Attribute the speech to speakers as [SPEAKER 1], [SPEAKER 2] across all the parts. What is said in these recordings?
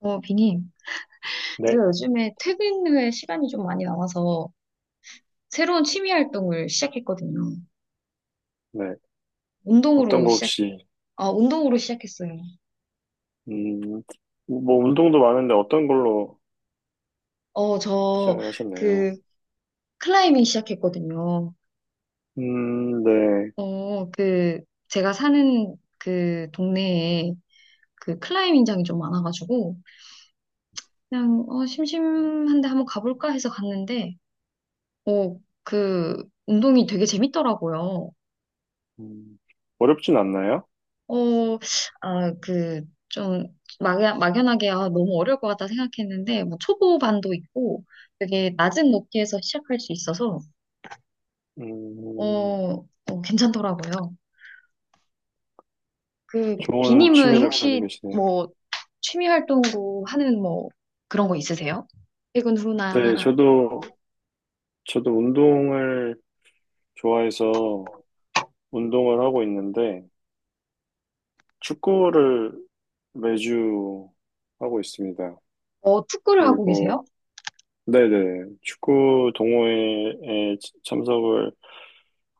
[SPEAKER 1] 비님,
[SPEAKER 2] 네,
[SPEAKER 1] 제가 요즘에 퇴근 후에 시간이 좀 많이 남아서 새로운 취미 활동을 시작했거든요.
[SPEAKER 2] 네. 어떤
[SPEAKER 1] 운동으로
[SPEAKER 2] 거
[SPEAKER 1] 시작,
[SPEAKER 2] 혹시,
[SPEAKER 1] 운동으로 시작했어요.
[SPEAKER 2] 음, 뭐, 운동도 많은데 어떤 걸로
[SPEAKER 1] 어, 저,
[SPEAKER 2] 시작을 하셨네요.
[SPEAKER 1] 그, 클라이밍 시작했거든요.
[SPEAKER 2] 네.
[SPEAKER 1] 어, 그, 제가 사는 그 동네에 그 클라이밍장이 좀 많아가지고, 심심한데 한번 가볼까 해서 갔는데, 어, 그, 운동이 되게 재밌더라고요.
[SPEAKER 2] 음, 어렵진 않나요?
[SPEAKER 1] 어, 아, 그, 좀, 막연하게, 아, 너무 어려울 것 같다 생각했는데, 뭐, 초보반도 있고, 되게 낮은 높이에서 시작할 수 있어서, 어,
[SPEAKER 2] 음,
[SPEAKER 1] 괜찮더라고요. 그,
[SPEAKER 2] 좋은
[SPEAKER 1] 비님은
[SPEAKER 2] 취미를
[SPEAKER 1] 혹시,
[SPEAKER 2] 가지고 계시네요.
[SPEAKER 1] 뭐, 취미 활동으로 하는 뭐, 그런 거 있으세요? 퇴근
[SPEAKER 2] 네,
[SPEAKER 1] 후나,
[SPEAKER 2] 저도 운동을 좋아해서 운동을 하고 있는데, 축구를 매주 하고 있습니다.
[SPEAKER 1] 어, 축구를 하고
[SPEAKER 2] 그리고,
[SPEAKER 1] 계세요?
[SPEAKER 2] 네네, 축구 동호회에 참석을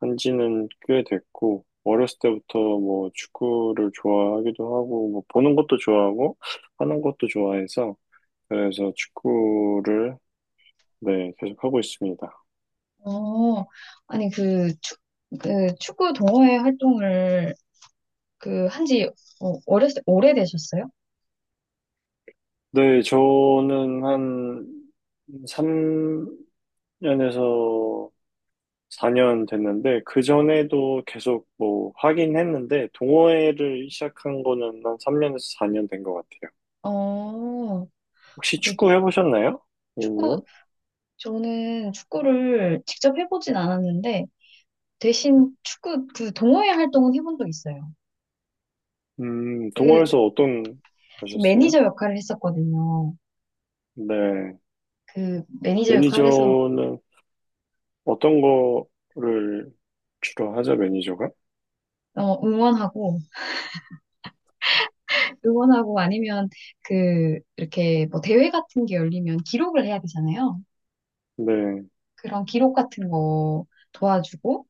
[SPEAKER 2] 한 지는 꽤 됐고, 어렸을 때부터 뭐 축구를 좋아하기도 하고, 뭐 보는 것도 좋아하고, 하는 것도 좋아해서, 그래서 축구를, 네, 계속 하고 있습니다.
[SPEAKER 1] 어, 아니, 그, 축, 그, 축구 동호회 활동을, 한지, 어, 어렸을 때 오래되셨어요?
[SPEAKER 2] 네, 저는 한 3년에서 4년 됐는데, 그 전에도 계속 뭐 하긴 했는데, 동호회를 시작한 거는 한 3년에서 4년 된 것 같아요.
[SPEAKER 1] 어,
[SPEAKER 2] 혹시
[SPEAKER 1] 그
[SPEAKER 2] 축구 해보셨나요? A님은?
[SPEAKER 1] 축구, 저는 축구를 직접 해보진 않았는데, 대신 축구 그 동호회 활동은 해본 적 있어요. 그
[SPEAKER 2] 동호회에서 어떤 하셨어요?
[SPEAKER 1] 매니저 역할을 했었거든요.
[SPEAKER 2] 네.
[SPEAKER 1] 그 매니저 역할에서
[SPEAKER 2] 매니저는 어떤 거를 주로 하죠, 매니저가?
[SPEAKER 1] 응원하고, 응원하고 아니면 그 이렇게 뭐 대회 같은 게 열리면 기록을 해야 되잖아요.
[SPEAKER 2] 네,
[SPEAKER 1] 그런 기록 같은 거 도와주고,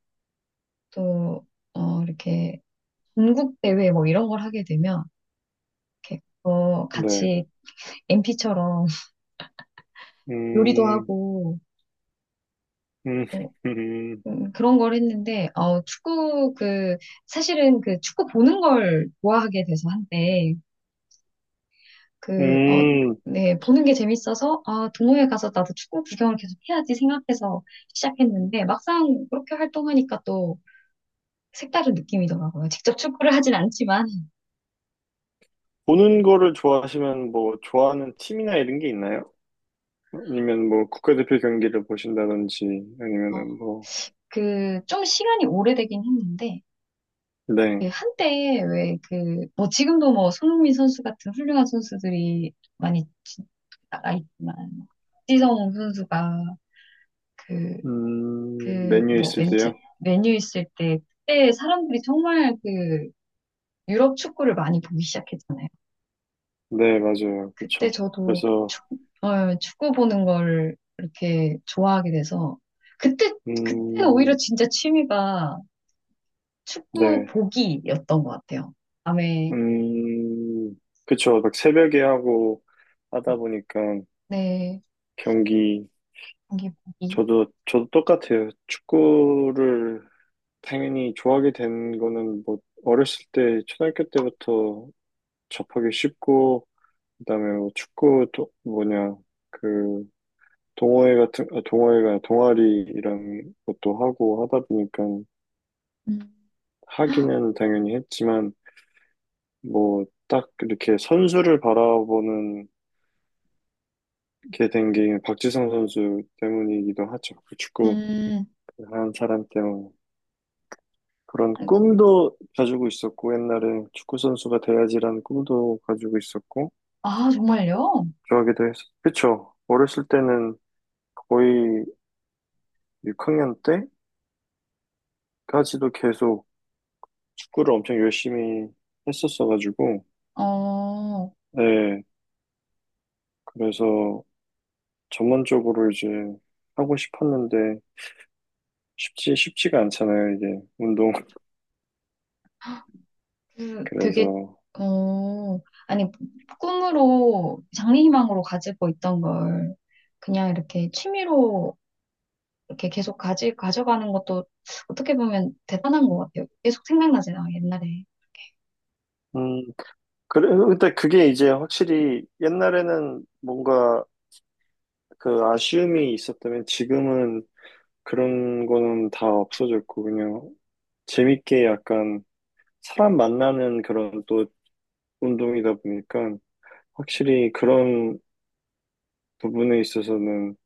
[SPEAKER 1] 또, 이렇게 전국 대회 뭐 이런 걸 하게 되면, 이렇게 어,
[SPEAKER 2] 네.
[SPEAKER 1] 같이 MP처럼 요리도
[SPEAKER 2] 음,
[SPEAKER 1] 하고,
[SPEAKER 2] 음,
[SPEAKER 1] 어,
[SPEAKER 2] 음,
[SPEAKER 1] 그런 걸 했는데, 사실은 그 축구 보는 걸 좋아하게 돼서 한때, 그, 어,
[SPEAKER 2] 음,
[SPEAKER 1] 네, 보는 게 재밌어서, 아, 동호회 가서 나도 축구 구경을 계속 해야지 생각해서 시작했는데, 막상 그렇게 활동하니까 또 색다른 느낌이더라고요. 직접 축구를 하진 않지만,
[SPEAKER 2] 보는 거를 좋아하시면 뭐 좋아하는 팀이나 이런 게 있나요? 아니면 뭐 국가대표 경기를 보신다든지
[SPEAKER 1] 어,
[SPEAKER 2] 아니면은 뭐,
[SPEAKER 1] 좀 시간이 오래되긴 했는데, 그
[SPEAKER 2] 네.
[SPEAKER 1] 한때 왜 그, 뭐 지금도 뭐 손흥민 선수 같은 훌륭한 선수들이 많이 나가 있지만, 박지성 선수가 그, 그,
[SPEAKER 2] 메뉴
[SPEAKER 1] 뭐,
[SPEAKER 2] 있을
[SPEAKER 1] 맨체,
[SPEAKER 2] 때요?
[SPEAKER 1] 메뉴 있을 때, 그때 사람들이 정말 그, 유럽 축구를 많이 보기 시작했잖아요.
[SPEAKER 2] 네, 맞아요.
[SPEAKER 1] 그때
[SPEAKER 2] 그쵸.
[SPEAKER 1] 저도
[SPEAKER 2] 그래서,
[SPEAKER 1] 축, 어, 축구 보는 걸 이렇게 좋아하게 돼서, 그때, 그때는 오히려
[SPEAKER 2] 음,
[SPEAKER 1] 진짜 취미가 축구
[SPEAKER 2] 네.
[SPEAKER 1] 보기였던 것 같아요. 밤에,
[SPEAKER 2] 음, 그쵸. 막 새벽에 하고 하다 보니까
[SPEAKER 1] 네,
[SPEAKER 2] 경기,
[SPEAKER 1] 경기 보기.
[SPEAKER 2] 저도 똑같아요. 축구를 당연히 좋아하게 된 거는 뭐, 어렸을 때, 초등학교 때부터 접하기 쉽고, 그다음에 뭐 축구, 도, 뭐냐, 그, 동호회 같은, 아, 동호회가 동아리 이런 것도 하고 하다 보니까
[SPEAKER 1] 음.
[SPEAKER 2] 하기는 당연히 했지만, 뭐, 딱 이렇게 선수를 바라보는 게 된 게 박지성 선수 때문이기도 하죠. 그 축구
[SPEAKER 1] 음,
[SPEAKER 2] 한 사람 때문에. 그런 꿈도 가지고 있었고, 옛날에 축구선수가 돼야지라는 꿈도 가지고 있었고,
[SPEAKER 1] 아, 정말요?
[SPEAKER 2] 좋아하기도 했었, 그쵸. 어렸을 때는 거의 6학년 때까지도 계속 축구를 엄청 열심히 했었어가지고,
[SPEAKER 1] 어,
[SPEAKER 2] 네, 그래서 전문적으로 이제 하고 싶었는데, 쉽지가 않잖아요, 이게, 운동.
[SPEAKER 1] 그 되게
[SPEAKER 2] 그래서,
[SPEAKER 1] 어 아니 꿈으로 장래희망으로 가지고 있던 걸 그냥 이렇게 취미로 이렇게 계속 가지 가져가는 것도 어떻게 보면 대단한 것 같아요. 계속 생각나잖아 옛날에.
[SPEAKER 2] 음, 그래, 근데 그게 이제 확실히 옛날에는 뭔가 그 아쉬움이 있었다면 지금은 그런 거는 다 없어졌고 그냥 재밌게 약간 사람 만나는 그런 또 운동이다 보니까 확실히 그런 부분에 있어서는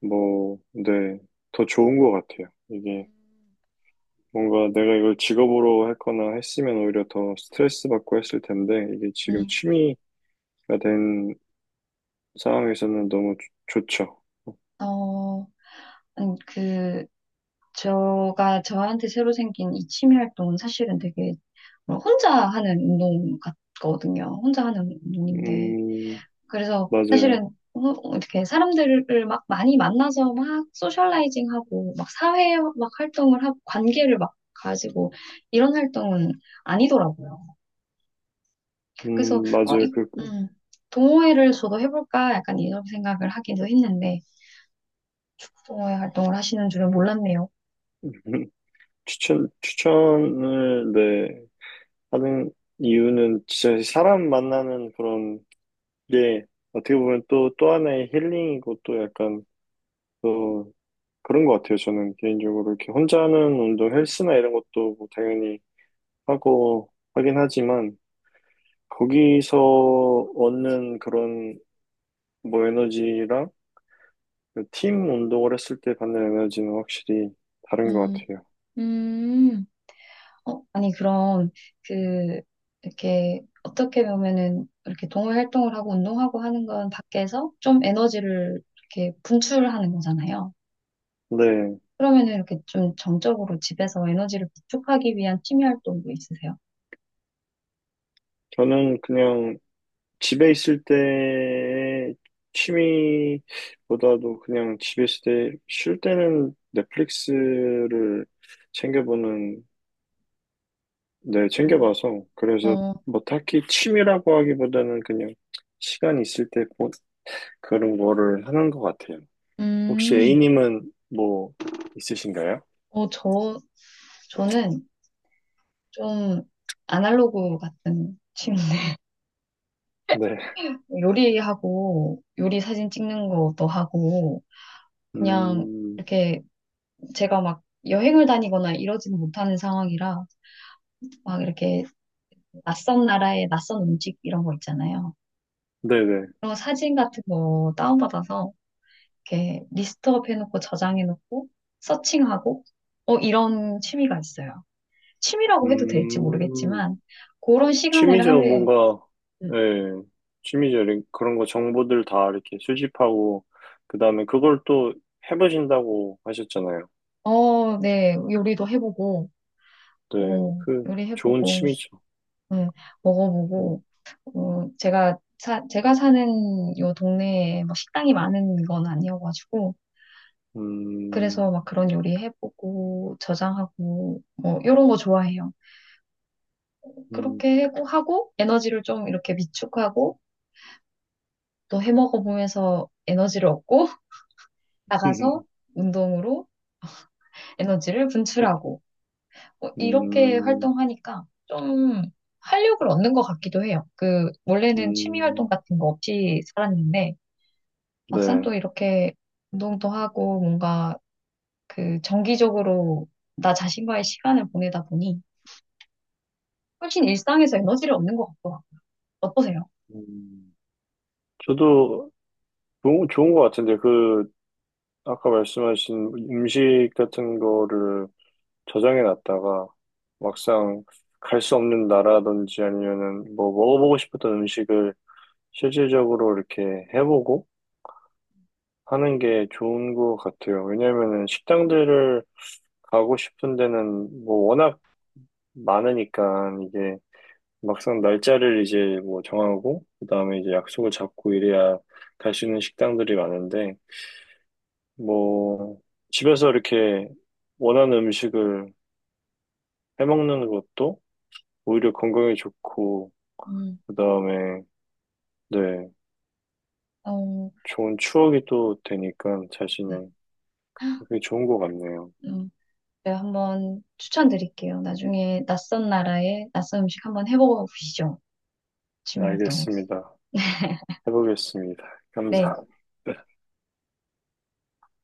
[SPEAKER 2] 뭐, 네, 더 좋은 것 같아요. 이게 뭔가 내가 이걸 직업으로 했거나 했으면 오히려 더 스트레스 받고 했을 텐데 이게 지금
[SPEAKER 1] 음,
[SPEAKER 2] 취미가 된 상황에서는 너무 좋죠.
[SPEAKER 1] 어, 아니, 그, 저가 저한테 새로 생긴 이 취미 활동은 사실은 되게 혼자 하는 운동 같거든요. 혼자 하는 운동인데,
[SPEAKER 2] 음,
[SPEAKER 1] 그래서
[SPEAKER 2] 맞아요.
[SPEAKER 1] 사실은 어, 이렇게 사람들을 막 많이 만나서 막 소셜라이징하고 막 사회 막 활동을 하고 관계를 막 가지고 이런 활동은 아니더라고요. 그래서 어,
[SPEAKER 2] 맞아요.
[SPEAKER 1] 이,
[SPEAKER 2] 그
[SPEAKER 1] 음, 동호회를 저도 해볼까 약간 이런 생각을 하기도 했는데 동호회 활동을 하시는 줄은 몰랐네요.
[SPEAKER 2] 추천을 네. 하는 이유는 진짜 사람 만나는 그런 게 어떻게 보면 또 하나의 힐링이고 또 약간 또 그런 것 같아요. 저는 개인적으로 이렇게 혼자 하는 운동 헬스나 이런 것도 뭐 당연히 하고 하긴 하지만 거기서 얻는 그런 뭐 에너지랑 그팀 운동을 했을 때 받는 에너지는 확실히 다른 것
[SPEAKER 1] 음,
[SPEAKER 2] 같아요.
[SPEAKER 1] 음. 어, 아니, 그럼, 그, 이렇게, 어떻게 보면은, 이렇게 동호회 활동을 하고 운동하고 하는 건 밖에서 좀 에너지를 이렇게 분출하는 거잖아요.
[SPEAKER 2] 네,
[SPEAKER 1] 그러면은 이렇게 좀 정적으로 집에서 에너지를 구축하기 위한 취미 활동도 있으세요?
[SPEAKER 2] 저는 그냥 집에 있을 때 취미보다도 그냥 집에 있을 때 쉴 때는 넷플릭스를 챙겨보는, 네,
[SPEAKER 1] 어,
[SPEAKER 2] 챙겨봐서. 그래서
[SPEAKER 1] 어,
[SPEAKER 2] 뭐 딱히 취미라고 하기보다는 그냥 시간 있을 때 그런 거를 하는 것 같아요. 혹시
[SPEAKER 1] 음,
[SPEAKER 2] A님은 뭐 있으신가요?
[SPEAKER 1] 어, 저, 저는 좀 아날로그 같은 취미인데,
[SPEAKER 2] 네.
[SPEAKER 1] 요리하고, 요리 사진 찍는 것도 하고, 그냥,
[SPEAKER 2] 음,
[SPEAKER 1] 이렇게 제가 막 여행을 다니거나 이러지는 못하는 상황이라 막 이렇게 낯선 나라의 낯선 음식 이런 거 있잖아요.
[SPEAKER 2] 네네.
[SPEAKER 1] 그런 거 사진 같은 거 다운받아서 이렇게 리스트업 해놓고 저장해놓고 서칭하고 어 이런 취미가 있어요. 취미라고 해도 될지
[SPEAKER 2] 음,
[SPEAKER 1] 모르겠지만 그런 시간을
[SPEAKER 2] 취미죠,
[SPEAKER 1] 하루에
[SPEAKER 2] 뭔가, 예, 취미죠. 그런 거 정보들 다 이렇게 수집하고, 그 다음에 그걸 또 해보신다고 하셨잖아요.
[SPEAKER 1] 네, 요리도 해보고,
[SPEAKER 2] 네, 그, 좋은
[SPEAKER 1] 요리해보고,
[SPEAKER 2] 취미죠.
[SPEAKER 1] 네,
[SPEAKER 2] 음.
[SPEAKER 1] 먹어보고, 제가 사는 요 동네에 뭐 식당이 많은 건 아니어가지고, 그래서
[SPEAKER 2] 음.
[SPEAKER 1] 막 그런 요리 해보고, 저장하고, 뭐, 요런 거 좋아해요.
[SPEAKER 2] 음.
[SPEAKER 1] 그렇게 하고, 하고 에너지를 좀 이렇게 비축하고, 또 해먹어보면서 에너지를 얻고, 나가서 운동으로 에너지를
[SPEAKER 2] 또.
[SPEAKER 1] 분출하고, 뭐 이렇게
[SPEAKER 2] 음.
[SPEAKER 1] 활동하니까 좀 활력을 얻는 것 같기도 해요. 그, 원래는 취미 활동
[SPEAKER 2] 음.
[SPEAKER 1] 같은 거 없이 살았는데, 막상
[SPEAKER 2] 네.
[SPEAKER 1] 또 이렇게 운동도 하고 뭔가 그 정기적으로 나 자신과의 시간을 보내다 보니 훨씬 일상에서 에너지를 얻는 것 같더라고요. 어떠세요?
[SPEAKER 2] 음, 저도 좋은 것 같은데, 그, 아까 말씀하신 음식 같은 거를 저장해 놨다가 막상 갈 수 없는 나라든지 아니면은 뭐 먹어보고 싶었던 음식을 실질적으로 이렇게 해보고 하는 게 좋은 것 같아요. 왜냐면은 식당들을 가고 싶은 데는 뭐 워낙 많으니까 이게 막상 날짜를 이제 뭐 정하고 그다음에 이제 약속을 잡고 이래야 갈 수 있는 식당들이 많은데 뭐 집에서 이렇게 원하는 음식을 해먹는 것도 오히려 건강에 좋고
[SPEAKER 1] 음,
[SPEAKER 2] 그다음에 네,
[SPEAKER 1] 어,
[SPEAKER 2] 좋은 추억이 또 되니까
[SPEAKER 1] 네.
[SPEAKER 2] 자신의 그게 좋은 것 같네요.
[SPEAKER 1] 음, 제가 한번 추천드릴게요. 나중에 낯선 나라의 낯선 음식 한번 해보시죠. 취미 활동으로.
[SPEAKER 2] 알겠습니다. 해보겠습니다.
[SPEAKER 1] 네.
[SPEAKER 2] 감사합니다.